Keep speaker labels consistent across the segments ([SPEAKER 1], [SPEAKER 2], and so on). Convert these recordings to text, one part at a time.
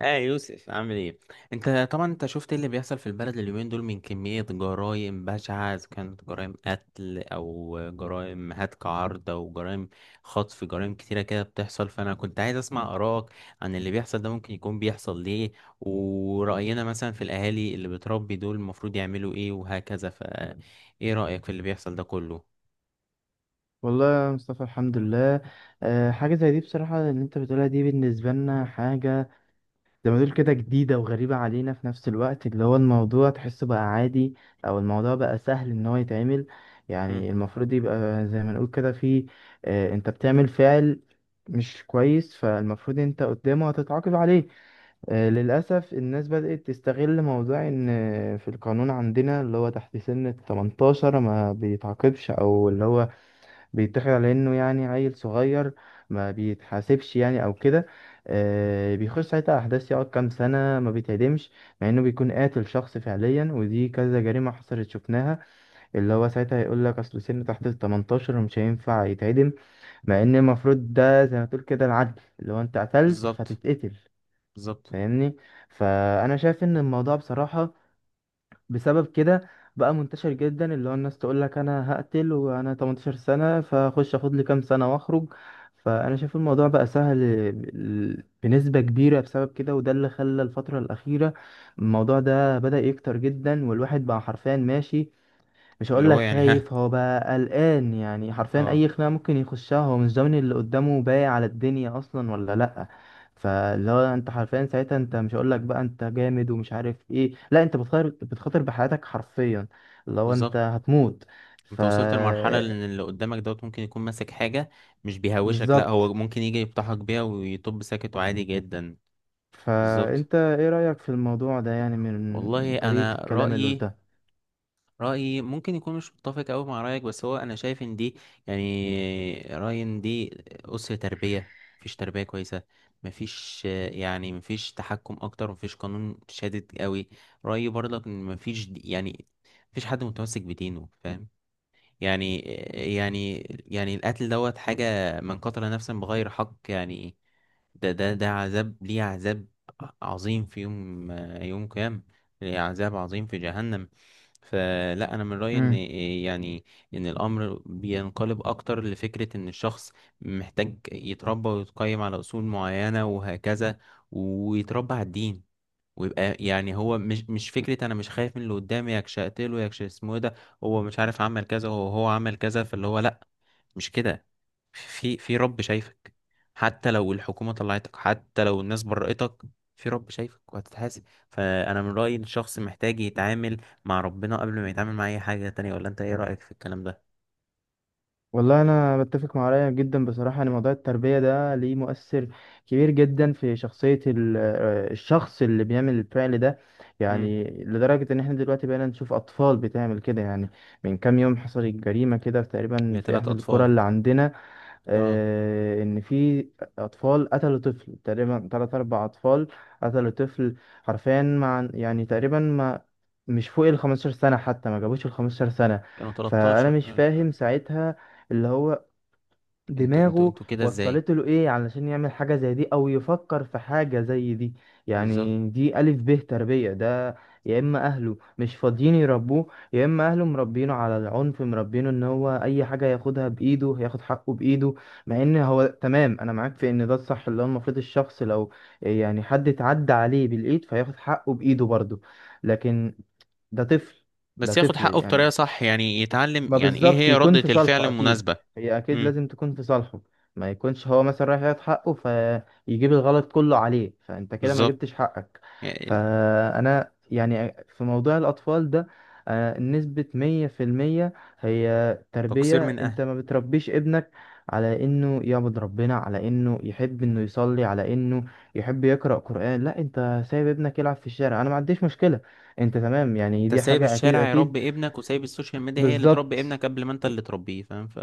[SPEAKER 1] اه، يوسف عامل ايه؟ انت طبعا شفت ايه اللي بيحصل في البلد اليومين دول من كمية جرائم بشعة، اذا كانت جرائم قتل او جرائم هتك عرض او جرائم خطف، جرائم كتيرة كده بتحصل. فانا كنت عايز اسمع آرائك عن اللي بيحصل ده، ممكن يكون بيحصل ليه؟ ورأينا مثلا في الاهالي اللي بتربي دول، المفروض يعملوا ايه وهكذا؟ فايه رأيك في اللي بيحصل ده كله؟
[SPEAKER 2] والله يا مصطفى، الحمد لله. حاجة زي دي بصراحة اللي انت بتقولها دي بالنسبة لنا حاجة زي ما تقول كده جديدة وغريبة علينا. في نفس الوقت اللي هو الموضوع تحسه بقى عادي، أو الموضوع بقى سهل إن هو يتعمل.
[SPEAKER 1] مم،
[SPEAKER 2] يعني المفروض يبقى زي ما نقول كده في أه انت بتعمل فعل مش كويس، فالمفروض انت قدامه هتتعاقب عليه. للأسف الناس بدأت تستغل موضوع إن في القانون عندنا اللي هو تحت سن 18 ما بيتعاقبش، أو اللي هو بيتاخد على انه يعني عيل صغير ما بيتحاسبش يعني او كده. بيخش ساعتها احداث، يقعد كام سنه ما بيتعدمش، مع انه بيكون قاتل شخص فعليا، ودي كذا جريمه حصلت شفناها. اللي هو ساعتها يقول لك اصل سنه تحت ال 18 ومش هينفع يتعدم، مع ان المفروض ده زي ما تقول كده العدل، اللي هو انت قتلت
[SPEAKER 1] بالظبط.
[SPEAKER 2] فتتقتل.
[SPEAKER 1] بالظبط.
[SPEAKER 2] فاهمني؟ فانا شايف ان الموضوع بصراحه بسبب كده بقى منتشر جدا، اللي هو الناس تقول لك انا هقتل وانا 18 سنة، فاخش اخد لي كام سنة واخرج. فانا شايف الموضوع بقى سهل بنسبة كبيرة بسبب كده، وده اللي خلى الفترة الأخيرة الموضوع ده بدأ يكتر جدا. والواحد بقى حرفيا ماشي، مش
[SPEAKER 1] اللي
[SPEAKER 2] هقول
[SPEAKER 1] هو
[SPEAKER 2] لك
[SPEAKER 1] ها.
[SPEAKER 2] خايف، هو بقى قلقان، يعني حرفيا
[SPEAKER 1] اه،
[SPEAKER 2] اي خناقه ممكن يخشها هو مش ضامن اللي قدامه باقي على الدنيا اصلا ولا لا. فاللي هو انت حرفيا ساعتها، انت مش هقول لك بقى انت جامد ومش عارف ايه، لا انت بتخاطر، بتخاطر بحياتك حرفيا، اللي هو انت
[SPEAKER 1] بالظبط.
[SPEAKER 2] هتموت. ف
[SPEAKER 1] انت وصلت لمرحلة ان اللي قدامك دوت ممكن يكون ماسك حاجة، مش بيهوشك، لا،
[SPEAKER 2] بالظبط.
[SPEAKER 1] هو ممكن يجي يفتحك بيها ويطب ساكت وعادي جدا. بالظبط.
[SPEAKER 2] فانت ايه رايك في الموضوع ده، يعني من
[SPEAKER 1] والله
[SPEAKER 2] طريقه
[SPEAKER 1] انا
[SPEAKER 2] الكلام اللي
[SPEAKER 1] رأيي، رأيي ممكن يكون مش متفق أوي مع رأيك، بس هو انا شايف ان دي، يعني رأيي ان دي أسر تربية، مفيش تربية كويسة، مفيش مفيش تحكم اكتر، مفيش قانون شادد قوي. رأيي برضك ان مفيش مفيش حد متمسك بدينه، فاهم؟ يعني يعني يعني القتل دوت حاجة، من قتل نفسا بغير حق ده ده عذاب، ليه عذاب عظيم في يوم، يوم قيامة، ليه عذاب عظيم في جهنم. فلا، انا من رأيي ان
[SPEAKER 2] قلتها؟
[SPEAKER 1] ان الامر بينقلب اكتر لفكرة ان الشخص محتاج يتربى ويتقيم على اصول معينة وهكذا، ويتربى على الدين، ويبقى هو مش فكرة انا مش خايف من اللي قدامي يكش اقتله، يكش اسمه إيه ده، هو مش عارف عمل كذا، هو عمل كذا، فاللي هو لا، مش كده. في في رب شايفك، حتى لو الحكومة طلعتك، حتى لو الناس برأتك، في رب شايفك وهتتحاسب. فانا من رأيي إن الشخص محتاج يتعامل مع ربنا قبل ما يتعامل مع اي حاجة تانية. ولا انت ايه رأيك في الكلام ده؟
[SPEAKER 2] والله انا بتفق مع رايك جدا بصراحه، ان موضوع التربيه ده ليه مؤثر كبير جدا في شخصيه الشخص اللي بيعمل الفعل ده.
[SPEAKER 1] امم
[SPEAKER 2] يعني لدرجه ان احنا دلوقتي بقينا نشوف اطفال بتعمل كده. يعني من كام يوم حصلت جريمه كده تقريبا في
[SPEAKER 1] لثلاث
[SPEAKER 2] احدى القرى
[SPEAKER 1] اطفال.
[SPEAKER 2] اللي عندنا،
[SPEAKER 1] اه،
[SPEAKER 2] ان في اطفال قتلوا طفل، تقريبا تلات اربع اطفال قتلوا طفل حرفيا. مع يعني تقريبا ما مش فوق ال 15 سنة، حتى ما جابوش ال 15 سنة.
[SPEAKER 1] كانوا
[SPEAKER 2] فانا
[SPEAKER 1] 13.
[SPEAKER 2] مش فاهم ساعتها اللي هو
[SPEAKER 1] انتوا انتوا
[SPEAKER 2] دماغه
[SPEAKER 1] انتوا كده ازاي؟
[SPEAKER 2] وصلت له ايه علشان يعمل حاجة زي دي او يفكر في حاجة زي دي.
[SPEAKER 1] بالظبط.
[SPEAKER 2] يعني دي ألف ب تربية ده. يا اما اهله مش فاضيين يربوه، يا اما اهله مربينه على العنف، مربينه ان هو اي حاجة ياخدها بايده، ياخد حقه بايده. مع ان هو تمام، انا معاك في ان ده الصح، اللي هو المفروض الشخص لو يعني حد اتعدى عليه بالايد فياخد حقه بايده برضه، لكن ده طفل. ده
[SPEAKER 1] بس ياخد
[SPEAKER 2] طفل
[SPEAKER 1] حقه بطريقة
[SPEAKER 2] يعني،
[SPEAKER 1] صح، يعني يتعلم
[SPEAKER 2] ما
[SPEAKER 1] يعني ايه
[SPEAKER 2] بالظبط
[SPEAKER 1] هي
[SPEAKER 2] يكون
[SPEAKER 1] ردة
[SPEAKER 2] في
[SPEAKER 1] الفعل
[SPEAKER 2] صالحه اكيد،
[SPEAKER 1] المناسبة.
[SPEAKER 2] هي اكيد
[SPEAKER 1] امم
[SPEAKER 2] لازم تكون في صالحه. ما يكونش هو مثلا رايح ياخد حقه فيجيب الغلط كله عليه، فانت كده ما
[SPEAKER 1] بالظبط.
[SPEAKER 2] جبتش حقك.
[SPEAKER 1] يعني
[SPEAKER 2] فانا يعني في موضوع الاطفال ده نسبة 100% هي
[SPEAKER 1] تقصير
[SPEAKER 2] تربية.
[SPEAKER 1] من اهل.
[SPEAKER 2] انت ما بتربيش ابنك على انه يعبد ربنا، على انه يحب انه يصلي، على انه يحب يقرأ قرآن، لا انت سايب ابنك يلعب في الشارع. انا ما عنديش مشكلة انت تمام، يعني
[SPEAKER 1] انت
[SPEAKER 2] دي
[SPEAKER 1] سايب
[SPEAKER 2] حاجة اكيد
[SPEAKER 1] الشارع
[SPEAKER 2] اكيد
[SPEAKER 1] يربي ابنك، وسايب السوشيال ميديا هي اللي تربي
[SPEAKER 2] بالظبط.
[SPEAKER 1] ابنك قبل ما انت اللي تربيه، فاهم؟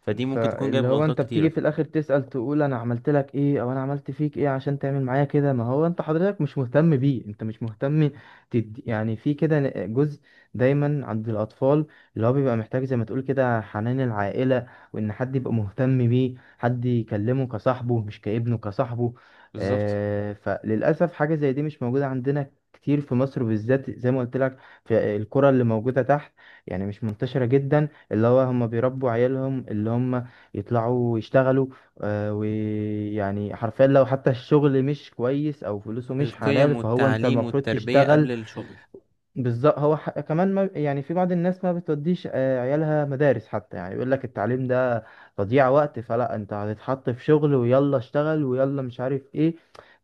[SPEAKER 1] فدي ممكن تكون جايب
[SPEAKER 2] فاللي هو انت
[SPEAKER 1] غلطات
[SPEAKER 2] بتيجي
[SPEAKER 1] كتيرة.
[SPEAKER 2] في الاخر تسأل تقول انا عملت لك ايه، او انا عملت فيك ايه عشان تعمل معايا كده، ما هو انت حضرتك مش مهتم بيه، انت مش مهتم تدي يعني. في كده جزء دايما عند الاطفال اللي هو بيبقى محتاج زي ما تقول كده حنان العائلة، وان حد يبقى مهتم بيه، حد يكلمه كصاحبه، مش كابنه، كصاحبه.
[SPEAKER 1] بالظبط.
[SPEAKER 2] فللاسف حاجة زي دي مش موجودة عندنا كتير في مصر بالذات، زي ما قلت لك، في الكرة اللي موجودة تحت يعني مش منتشرة جدا. اللي هو هم بيربوا عيالهم اللي هم يطلعوا يشتغلوا. ويعني حرفيا لو حتى الشغل مش كويس او فلوسه مش حلال
[SPEAKER 1] القيم
[SPEAKER 2] فهو انت
[SPEAKER 1] والتعليم
[SPEAKER 2] المفروض
[SPEAKER 1] والتربية
[SPEAKER 2] تشتغل
[SPEAKER 1] قبل الشغل.
[SPEAKER 2] بالظبط. هو كمان، ما يعني في بعض الناس ما بتوديش عيالها مدارس حتى، يعني يقول لك التعليم ده تضييع وقت، فلا انت هتتحط في شغل ويلا اشتغل ويلا مش عارف ايه.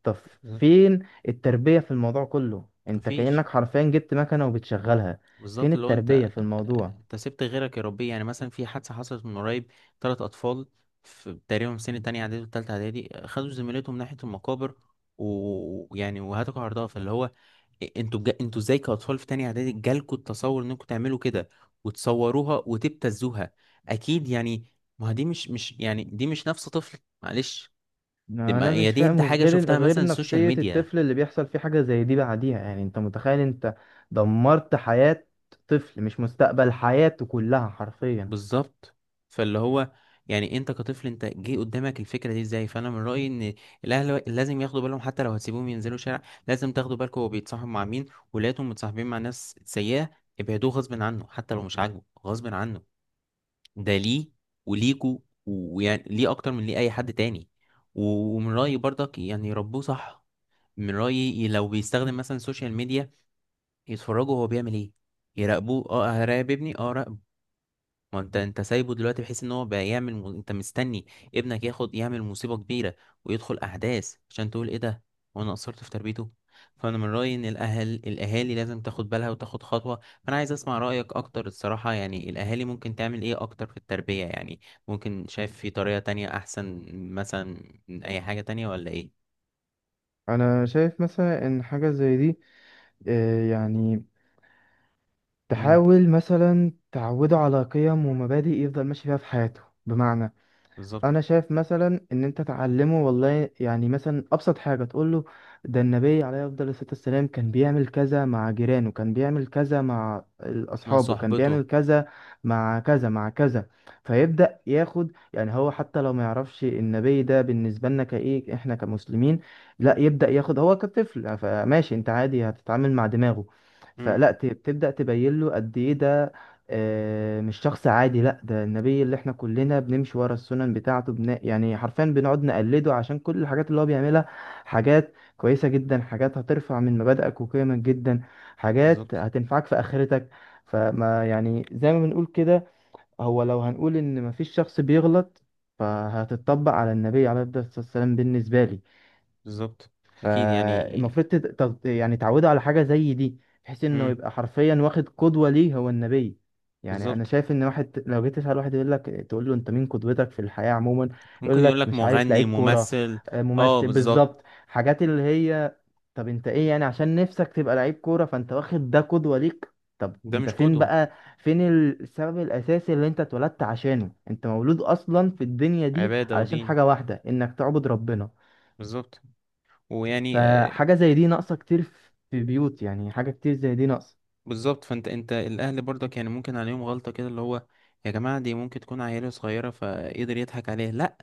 [SPEAKER 2] طب
[SPEAKER 1] بالظبط.
[SPEAKER 2] فين التربية في الموضوع كله؟ انت
[SPEAKER 1] مفيش.
[SPEAKER 2] كأنك حرفيا جبت مكنة وبتشغلها. فين
[SPEAKER 1] بالظبط. اللي هو
[SPEAKER 2] التربية في الموضوع؟
[SPEAKER 1] انت سبت غيرك يربيه. يعني مثلا في حادثة حصلت من قريب، تلات أطفال في تقريبا في سن تانية إعدادي وتالتة إعدادي، خدوا زميلتهم ناحية المقابر ويعني وهتكوا عرضها، فاللي هو انتوا ازاي كأطفال في تانية إعدادي جالكوا التصور انكم تعملوا كده وتصوروها وتبتزوها؟ أكيد يعني ما هي دي مش يعني دي مش نفس طفل، معلش. دي ما...
[SPEAKER 2] انا
[SPEAKER 1] هي
[SPEAKER 2] مش
[SPEAKER 1] دي انت
[SPEAKER 2] فاهم
[SPEAKER 1] حاجة
[SPEAKER 2] غير
[SPEAKER 1] شفتها مثلا
[SPEAKER 2] غير
[SPEAKER 1] السوشيال
[SPEAKER 2] نفسية
[SPEAKER 1] ميديا.
[SPEAKER 2] الطفل اللي بيحصل فيه حاجة زي دي بعديها. يعني انت متخيل انت دمرت حياة طفل، مش مستقبل، حياته كلها حرفيا.
[SPEAKER 1] بالظبط. فاللي هو يعني انت كطفل انت جه قدامك الفكره دي ازاي؟ فانا من رايي ان الاهل لازم ياخدوا بالهم، حتى لو هتسيبوهم ينزلوا الشارع لازم تاخدوا بالكم هو بيتصاحب مع مين. ولادهم متصاحبين مع ناس سيئه، ابعدوه غصب عنه، حتى لو مش عاجبه غصب عنه. ده ليه وليكوا ويعني ليه اكتر من ليه اي حد تاني. ومن رايي برضك يربوه صح. من رايي لو بيستخدم مثلا السوشيال ميديا يتفرجوا هو بيعمل ايه، يراقبوه. اه، هراقب ابني. اه، ما انت سايبه دلوقتي بحيث ان هو بقى يعمل انت مستني ابنك ياخد يعمل مصيبة كبيرة ويدخل احداث عشان تقول ايه ده، وانا قصرت في تربيته. فانا من رأيي ان الاهالي لازم تاخد بالها وتاخد خطوة. فانا عايز اسمع رأيك اكتر الصراحة، يعني الاهالي ممكن تعمل ايه اكتر في التربية؟ يعني ممكن شايف في طريقة تانية احسن مثلا من اي حاجة تانية، ولا ايه؟
[SPEAKER 2] انا شايف مثلا ان حاجة زي دي يعني
[SPEAKER 1] امم
[SPEAKER 2] تحاول مثلا تعوده على قيم ومبادئ يفضل ماشي فيها في حياته. بمعنى
[SPEAKER 1] بالظبط.
[SPEAKER 2] انا شايف مثلا ان انت تعلمه والله يعني مثلا ابسط حاجه تقول له ده النبي عليه افضل الصلاه والسلام كان بيعمل كذا مع جيرانه، كان بيعمل كذا مع
[SPEAKER 1] مع
[SPEAKER 2] اصحابه، كان
[SPEAKER 1] صحبته.
[SPEAKER 2] بيعمل كذا مع كذا مع كذا. فيبدا ياخد، يعني هو حتى لو ما يعرفش النبي ده بالنسبه لنا كايه احنا كمسلمين، لا يبدا ياخد هو كطفل، فماشي، انت عادي هتتعامل مع دماغه،
[SPEAKER 1] امم
[SPEAKER 2] فلا تبدا تبين له قد ايه ده مش شخص عادي، لا ده النبي اللي احنا كلنا بنمشي ورا السنن بتاعته، يعني حرفيا بنقعد نقلده عشان كل الحاجات اللي هو بيعملها حاجات كويسة جدا، حاجات هترفع من مبادئك وقيمك جدا، حاجات
[SPEAKER 1] بالظبط.
[SPEAKER 2] هتنفعك في آخرتك. فما يعني زي ما بنقول كده، هو لو هنقول ان مفيش شخص بيغلط فهتتطبق على النبي عليه الصلاة والسلام بالنسبة لي.
[SPEAKER 1] بالظبط. اكيد يعني.
[SPEAKER 2] فالمفروض يعني تعودوا على حاجة زي دي، بحيث انه
[SPEAKER 1] امم
[SPEAKER 2] يبقى حرفيا واخد قدوة ليه هو النبي. يعني انا
[SPEAKER 1] بالظبط.
[SPEAKER 2] شايف ان واحد لو جيت تسأل واحد يقول لك، تقول له انت مين قدوتك في الحياة عموما،
[SPEAKER 1] ممكن
[SPEAKER 2] يقول
[SPEAKER 1] يقول
[SPEAKER 2] لك
[SPEAKER 1] لك
[SPEAKER 2] مش عارف
[SPEAKER 1] مغني،
[SPEAKER 2] لعيب كورة،
[SPEAKER 1] ممثل. اه،
[SPEAKER 2] ممثل
[SPEAKER 1] بالظبط.
[SPEAKER 2] بالظبط، حاجات اللي هي. طب انت ايه؟ يعني عشان نفسك تبقى لعيب كورة فانت واخد ده قدوة ليك؟ طب
[SPEAKER 1] ده
[SPEAKER 2] انت
[SPEAKER 1] مش
[SPEAKER 2] فين
[SPEAKER 1] قدوة.
[SPEAKER 2] بقى؟ فين السبب الاساسي اللي انت اتولدت عشانه؟ انت مولود اصلا في الدنيا دي
[SPEAKER 1] عبادة
[SPEAKER 2] علشان
[SPEAKER 1] ودين.
[SPEAKER 2] حاجة واحدة، انك تعبد ربنا.
[SPEAKER 1] بالظبط. ويعني
[SPEAKER 2] فحاجة زي دي ناقصة كتير في بيوت، يعني حاجة كتير زي دي ناقصة.
[SPEAKER 1] بالظبط. فانت الاهل برضك يعني ممكن عليهم غلطة كده، اللي هو يا جماعة دي ممكن تكون عيلة صغيرة فقدر يضحك عليها. لا،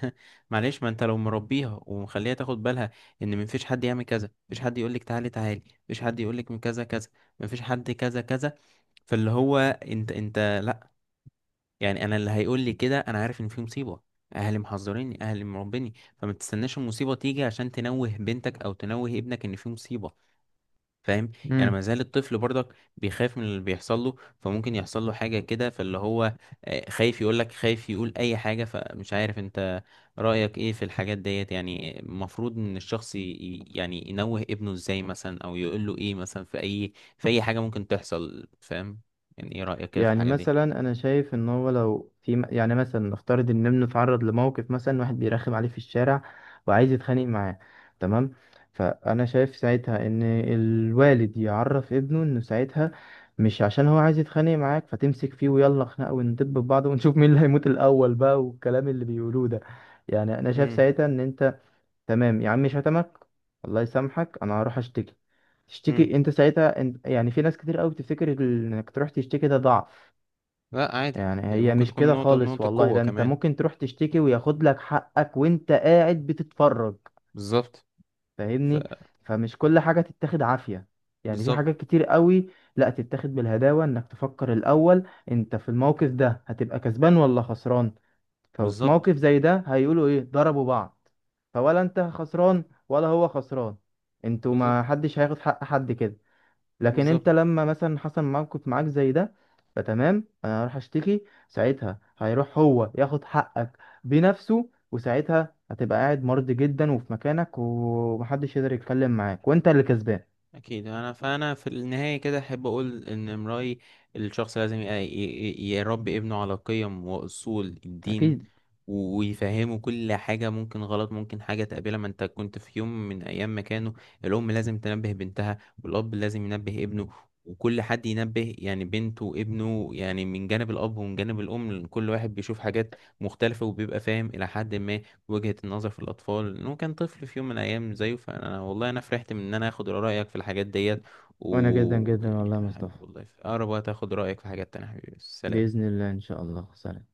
[SPEAKER 1] معلش، ما انت لو مربيها ومخليها تاخد بالها ان مفيش حد يعمل كذا، مفيش حد يقولك تعالي تعالي، مفيش حد يقولك من كذا كذا، مفيش حد كذا كذا. فاللي هو انت يعني انا اللي هيقول لي كده انا عارف ان في مصيبه، اهلي محذريني، اهلي مربيني. فما تستناش المصيبه تيجي عشان تنوه بنتك او تنوه ابنك ان في مصيبه، فاهم؟ يعني ما
[SPEAKER 2] امم
[SPEAKER 1] زال الطفل برضك بيخاف من اللي بيحصل له، فممكن يحصل له حاجه كده، فاللي هو خايف يقول لك، خايف يقول اي حاجه. فمش عارف انت رايك ايه في الحاجات ديت، يعني المفروض ان الشخص يعني ينوه ابنه ازاي مثلا، او يقول له ايه مثلا في اي في اي حاجه ممكن تحصل، فاهم؟ يعني ايه رايك كده في
[SPEAKER 2] يعني
[SPEAKER 1] الحاجه دي؟
[SPEAKER 2] مثلا انا شايف ان هو لو في يعني مثلا نفترض ان ابنه اتعرض لموقف، مثلا واحد بيرخم عليه في الشارع وعايز يتخانق معاه، تمام، فانا شايف ساعتها ان الوالد يعرف ابنه انه ساعتها مش عشان هو عايز يتخانق معاك فتمسك فيه ويلا خناقه وندب في بعض ونشوف مين اللي هيموت الاول بقى والكلام اللي بيقولوه ده. يعني انا شايف ساعتها ان انت، تمام يا عم، شتمك الله يسامحك، انا هروح اشتكي.
[SPEAKER 1] امم
[SPEAKER 2] تشتكي؟ انت ساعتها انت، يعني في ناس كتير قوي بتفتكر انك تروح تشتكي ده ضعف.
[SPEAKER 1] لا، عادي،
[SPEAKER 2] يعني
[SPEAKER 1] يعني
[SPEAKER 2] هي
[SPEAKER 1] ممكن
[SPEAKER 2] مش
[SPEAKER 1] تكون
[SPEAKER 2] كده خالص
[SPEAKER 1] نقطة
[SPEAKER 2] والله،
[SPEAKER 1] قوة
[SPEAKER 2] ده انت
[SPEAKER 1] كمان.
[SPEAKER 2] ممكن تروح تشتكي وياخد لك حقك وانت قاعد بتتفرج.
[SPEAKER 1] بالظبط. ف.
[SPEAKER 2] فاهمني؟ فمش كل حاجة تتاخد عافية، يعني في
[SPEAKER 1] بالظبط.
[SPEAKER 2] حاجات كتير قوي لا تتاخد بالهداوة، انك تفكر الاول انت في الموقف ده هتبقى كسبان ولا خسران. ففي
[SPEAKER 1] بالظبط.
[SPEAKER 2] موقف زي ده هيقولوا ايه؟ ضربوا بعض، فولا انت خسران ولا هو خسران، انتوا
[SPEAKER 1] بالظبط.
[SPEAKER 2] ما حدش هياخد حق حد كده. لكن
[SPEAKER 1] بالظبط.
[SPEAKER 2] انت لما مثلا حصل موقف معاك زي ده، فتمام انا هروح اشتكي، ساعتها هيروح هو ياخد حقك بنفسه، وساعتها هتبقى قاعد مرضي جدا وفي مكانك، ومحدش يقدر يتكلم معاك، وانت اللي كسبان
[SPEAKER 1] اكيد انا، فانا في النهايه كده احب اقول ان امرأي الشخص لازم يربي ابنه على قيم واصول الدين،
[SPEAKER 2] اكيد.
[SPEAKER 1] ويفهمه كل حاجه ممكن غلط، ممكن حاجه تقابلها، ما انت كنت في يوم من ايام مكانه. الام لازم تنبه بنتها، والاب لازم ينبه ابنه، وكل حد ينبه يعني بنته وابنه، يعني من جانب الاب ومن جانب الام كل واحد بيشوف حاجات مختلفه وبيبقى فاهم الى حد ما وجهة النظر في الأطفال، إنه كان طفل في يوم من الأيام زيه. فأنا والله أنا فرحت من إن أنا آخد رأيك في الحاجات ديت،
[SPEAKER 2] وانا جدا
[SPEAKER 1] و
[SPEAKER 2] جدا
[SPEAKER 1] يعني
[SPEAKER 2] والله يا
[SPEAKER 1] حبيبي
[SPEAKER 2] مصطفى،
[SPEAKER 1] والله في أقرب وقت آخد رأيك في حاجات تانية. حبيبي، سلام.
[SPEAKER 2] بإذن الله ان شاء الله. سلام.